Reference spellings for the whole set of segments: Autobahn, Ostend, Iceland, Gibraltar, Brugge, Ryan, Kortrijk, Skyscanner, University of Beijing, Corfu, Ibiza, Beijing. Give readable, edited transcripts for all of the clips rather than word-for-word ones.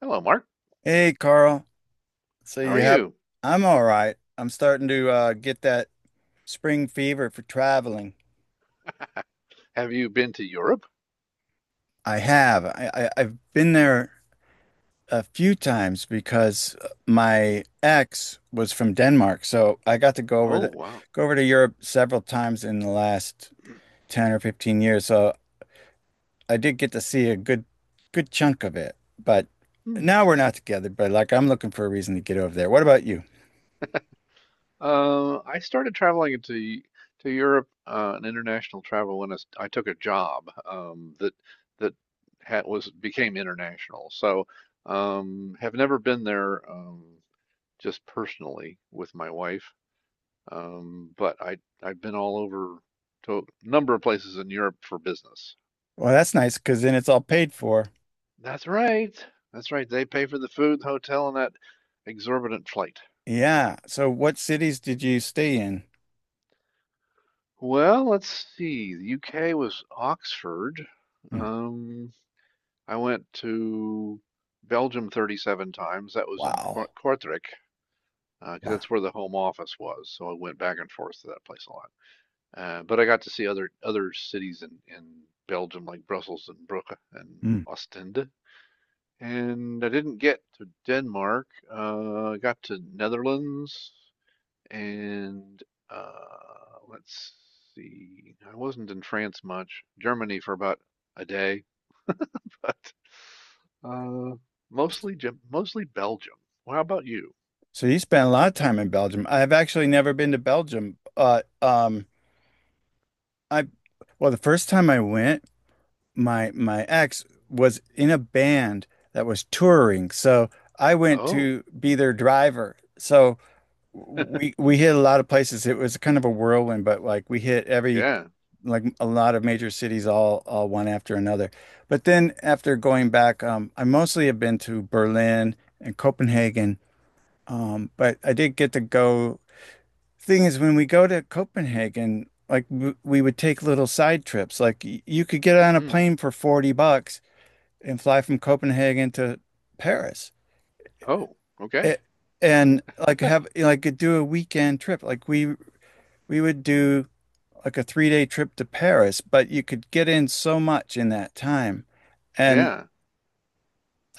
Hello, Mark. Hey, Carl. So How are you have, you? I'm all right. I'm starting to get that spring fever for traveling. Have you been to Europe? I have. I've been there a few times because my ex was from Denmark. So I got to go over Oh, wow. go over to Europe several times in the last 10 or 15 years. So I did get to see a good chunk of it. But Hmm. now we're not together, but like I'm looking for a reason to get over there. What about you? I started traveling to Europe, an international travel when I took a job um, that that was became international. So, have never been there just personally with my wife, but I've been all over to a number of places in Europe for business. Well, that's nice because then it's all paid for. That's right. That's right. They pay for the food, the hotel, and that exorbitant flight. Yeah. So what cities did you stay in? Well, let's see. The UK was Oxford. Mm. Um, I went to Belgium 37 times. That was in Wow. Kortrijk, 'cause Wow. that's where the home office was. So I went back and forth to that place a lot. But I got to see other cities in Belgium, like Brussels and Brugge and Mm. Ostend. And I didn't get to Denmark. I got to Netherlands and let's see. I wasn't in France much. Germany for about a day, but uh, So, mostly mostly Belgium. Well, how about you? so you spent a lot of time in Belgium. I've actually never been to Belgium. I, well, the first time I went, my ex was in a band that was touring. So I went Oh, to be their driver. So we hit a lot of places. It was kind of a whirlwind, but like we hit every yeah. like a lot of major cities all one after another. But then after going back, I mostly have been to Berlin and Copenhagen. But I did get to go. Thing is, when we go to Copenhagen, like w we would take little side trips. Like y you could get on a Mm. plane for $40 and fly from Copenhagen to Paris. Oh, okay. It, and Like have like do a weekend trip. Like we would do like a 3 day trip to Paris, but you could get in so much in that time. And Yeah.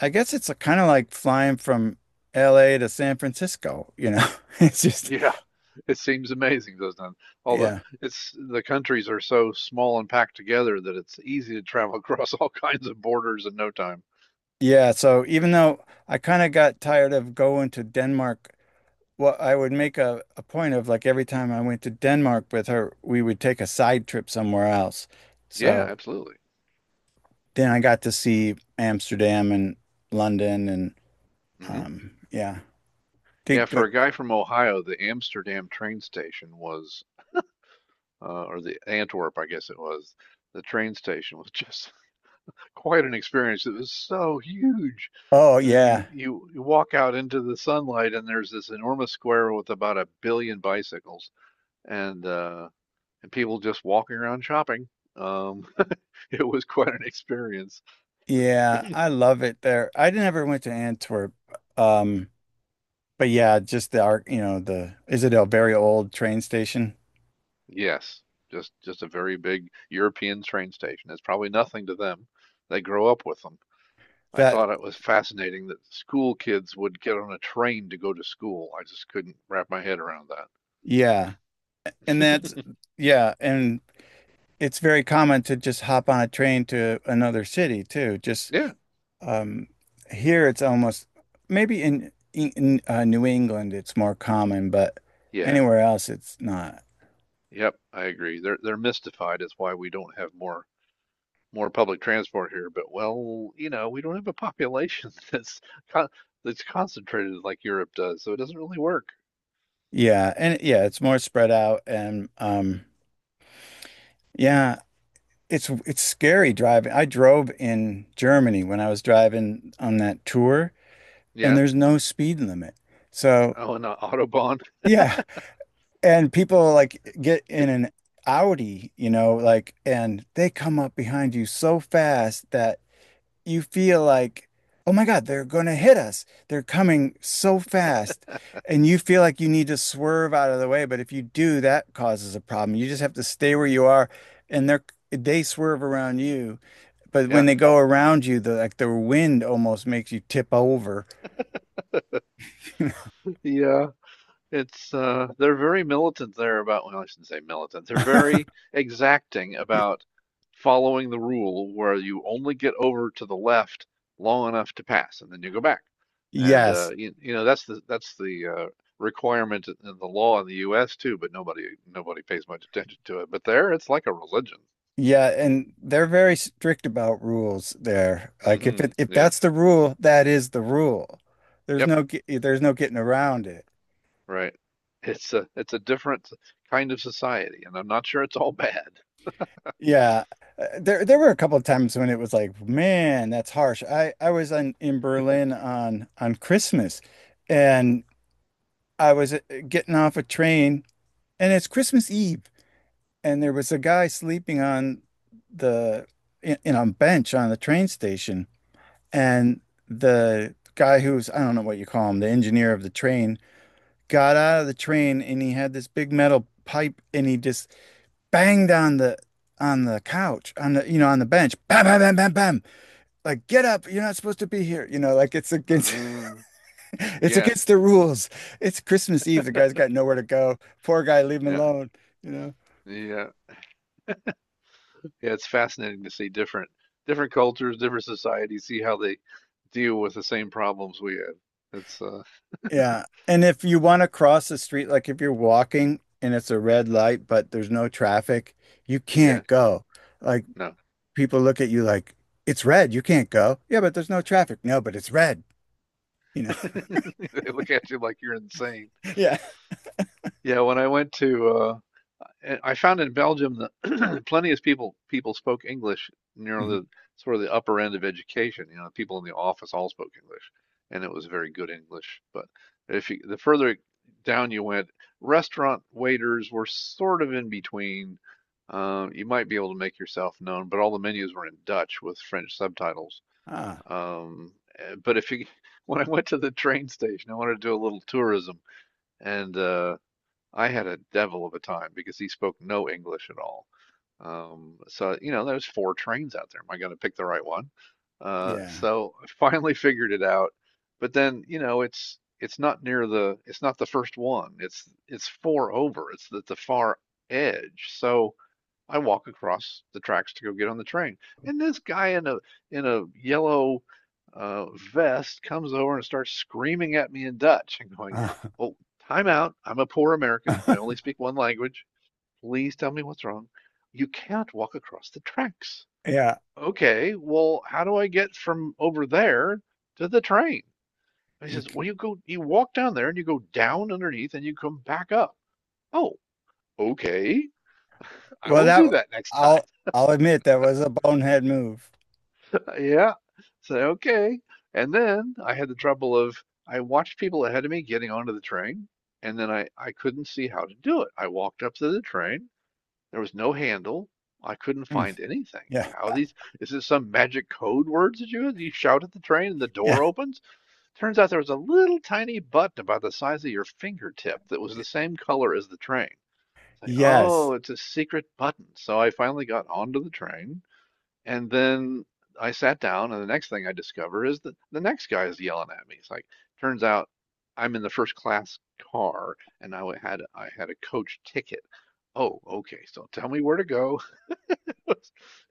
I guess it's kind of like flying from LA to San Francisco, you know? It's just, Yeah. It seems amazing, doesn't it? All the yeah. it's the countries are so small and packed together that it's easy to travel across all kinds of borders in no time. Yeah. So even though I kind of got tired of going to Denmark, well, I would make a point of like every time I went to Denmark with her, we would take a side trip somewhere else. Yeah, So absolutely. then I got to see Amsterdam and London and Hmm. Yeah, Yeah, did for good. a guy from Ohio, the Amsterdam train station was, or the Antwerp, I guess it was, the train station was just quite an experience. It was so huge. Oh And then yeah. You walk out into the sunlight, and there's this enormous square with about a billion bicycles and uh, and people just walking around shopping. Um, it was quite an experience. Yeah, I love it there. I never went to Antwerp. Um, but yeah, just the art, you know, the is it a very old train station? Yes, just a very big European train station. It's probably nothing to them. They grow up with them. I That thought it was fascinating that school kids would get on a train to go to school. I just couldn't wrap my head around that. yeah. And that's yeah, and it's very common to just hop on a train to another city too. Just Yeah, um here it's almost maybe in New England it's more common, but yeah, anywhere else it's not. yep, I agree. They're mystified is why we don't have more more public transport here. But well, you know, we don't have a population con that's concentrated like Europe does, so it doesn't really work. Yeah, it's more spread out and yeah, it's scary driving. I drove in Germany when I was driving on that tour, and Yeah. there's no speed limit. So, Oh, and Autobahn. yeah, and people like get in an Audi, you know, like and they come up behind you so fast that you feel like, "Oh my God, they're going to hit us. They're coming so fast." And you feel like you need to swerve out of the way, but if you do, that causes a problem. You just have to stay where you are and they're they swerve around you but when Yeah. they go around you, the like the wind almost makes you tip over. Yeah. It's they're very militant there about, well, I shouldn't say militant. They're very exacting Y- about following the rule where you only get over to the left long enough to pass, and then you go back. And Yes. You know that's the requirement in the law in the U.S. too, but nobody pays much attention to it. But there, it's like a religion. Yeah, and they're very strict about rules there. Mm Like hmm if Yep. that's the rule, that is the rule. Yep. There's no getting around it. Right. It's a different kind of society, and I'm not sure it's all bad. Yeah. There were a couple of times when it was like, man, that's harsh. I was on in Berlin on Christmas and I was getting off a train and it's Christmas Eve and there was a guy sleeping on the in a bench on the train station Mm and the guy who's I don't know what you call him the engineer of the train got out of the train and he had this big metal pipe and he just banged on the couch on the on the bench bam bam bam bam bam like get up you're not supposed to be here you know like it's against hmm it's yeah. against the rules it's Christmas Eve the guy's got nowhere to go poor guy leave him Yeah. alone you know. Yeah, yeah, it's fascinating to see different different cultures, different societies, see how they deal with the same problems we have. It's Yeah. And if you want to cross the street, like if you're walking and it's a red light, but there's no traffic, you yeah, can't go. Like no, people look at you like, it's red, you can't go. Yeah, but there's no traffic. No, but it's red, you know. they look at you like you're insane. Yeah. Yeah, when I went to I found in Belgium that plenty of people spoke English. You know, Mhm. the sort of the upper end of education. You know, people in the office all spoke English, and it was very good English. But if you, the further down you went, restaurant waiters were sort of in between. You might be able to make yourself known, but all the menus were in Dutch with French subtitles. Ah, Um, eh, but if you, when I went to the train station, I wanted to do a little tourism, and I had a devil of a time because he spoke no English at all. So, you know, there's four trains out there. Am I going to pick the right one? Yeah. So I finally figured it out. But then, you know, it's not near the it's not the first one. It's four over. It's at the far edge. So I walk across the tracks to go get on the train, and this guy in a yellow uh, vest comes over and starts screaming at me in Dutch and going, Ah. "Oh, time out! I'm a poor American. I only speak one language. Please tell me what's wrong. You can't walk across the tracks." Yeah. Okay, well, how do I get from over there to the train? And he You, says, c- "Well, you walk down there and you go down underneath and you come back up." Oh, okay, I well, will that do that next time. I'll admit that was a bonehead move. Yeah. So, okay. And then I had the trouble of I watched people ahead of me getting onto the train, and then I couldn't see how to do it. I walked up to the train. There was no handle. I couldn't Mm, find anything. yeah. How these, is this some magic code words that you shout at the train and the Yeah. door opens? Turns out there was a little tiny button about the size of your fingertip that was the same color as the train. It's like, oh, Yes. it's a secret button. So I finally got onto the train and then I sat down, and the next thing I discover is that the next guy is yelling at me. It's like, turns out I'm in the first class car, and I had a coach ticket. Oh, okay. So tell me where to go.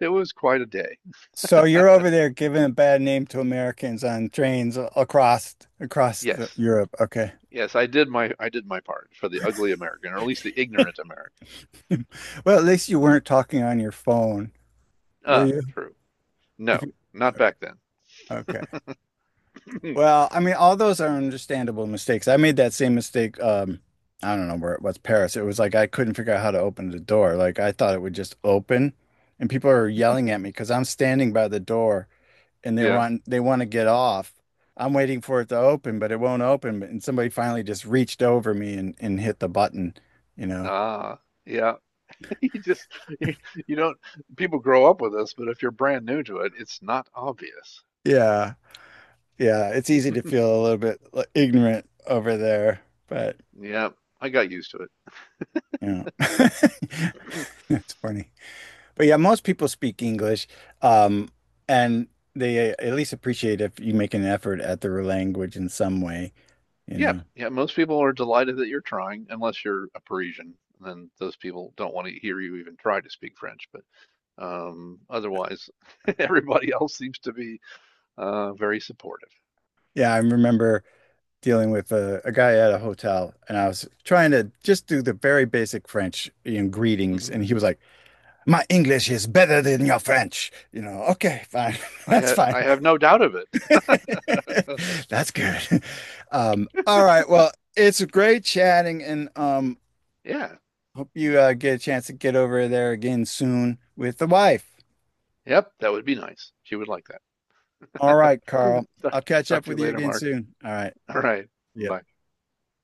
It was quite a day. So you're over there giving a bad name to Americans on trains across the, Yes, Europe. Okay. yes, I did my part for the ugly American, or at least the ignorant American. Well, at least you weren't talking on your phone, were Ah, you? true. If No, you, not back then. okay. Well, I mean, all those are understandable mistakes. I made that same mistake. I don't know where it was, Paris. It was like I couldn't figure out how to open the door. Like I thought it would just open, and people are yelling at me because I'm standing by the door. And Yeah. They want to get off. I'm waiting for it to open, but it won't open. And somebody finally just reached over me and hit the button, you know. Ah, yeah. You just you, you don't people grow up with this, but if you're brand new to it, it's not obvious. Yeah. Yeah. It's easy to feel a little bit like, ignorant over there, but Yeah, I got used to you know, it. it's funny. But yeah, most people speak English, um, and they at least appreciate if you make an effort at their language in some way, you Yeah, know. yeah, most people are delighted that you're trying, unless you're a Parisian. Then those people don't want to hear you even try to speak French. But otherwise, everybody else seems to be very supportive. Yeah, I remember dealing with a guy at a hotel, and I was trying to just do the very basic French you know, greetings, Hmm. and he was like, "My English is better than your French." You know, okay, fine, that's fine, I have no doubt of it. that's good. All right, well, it's great chatting, and Yeah, hope you get a chance to get over there again soon with the wife. yep, that would be nice. She would like All that. right, Carl, Talk, I'll catch talk up to you with you later, again Mark. soon. All right, All right, yeah. bye.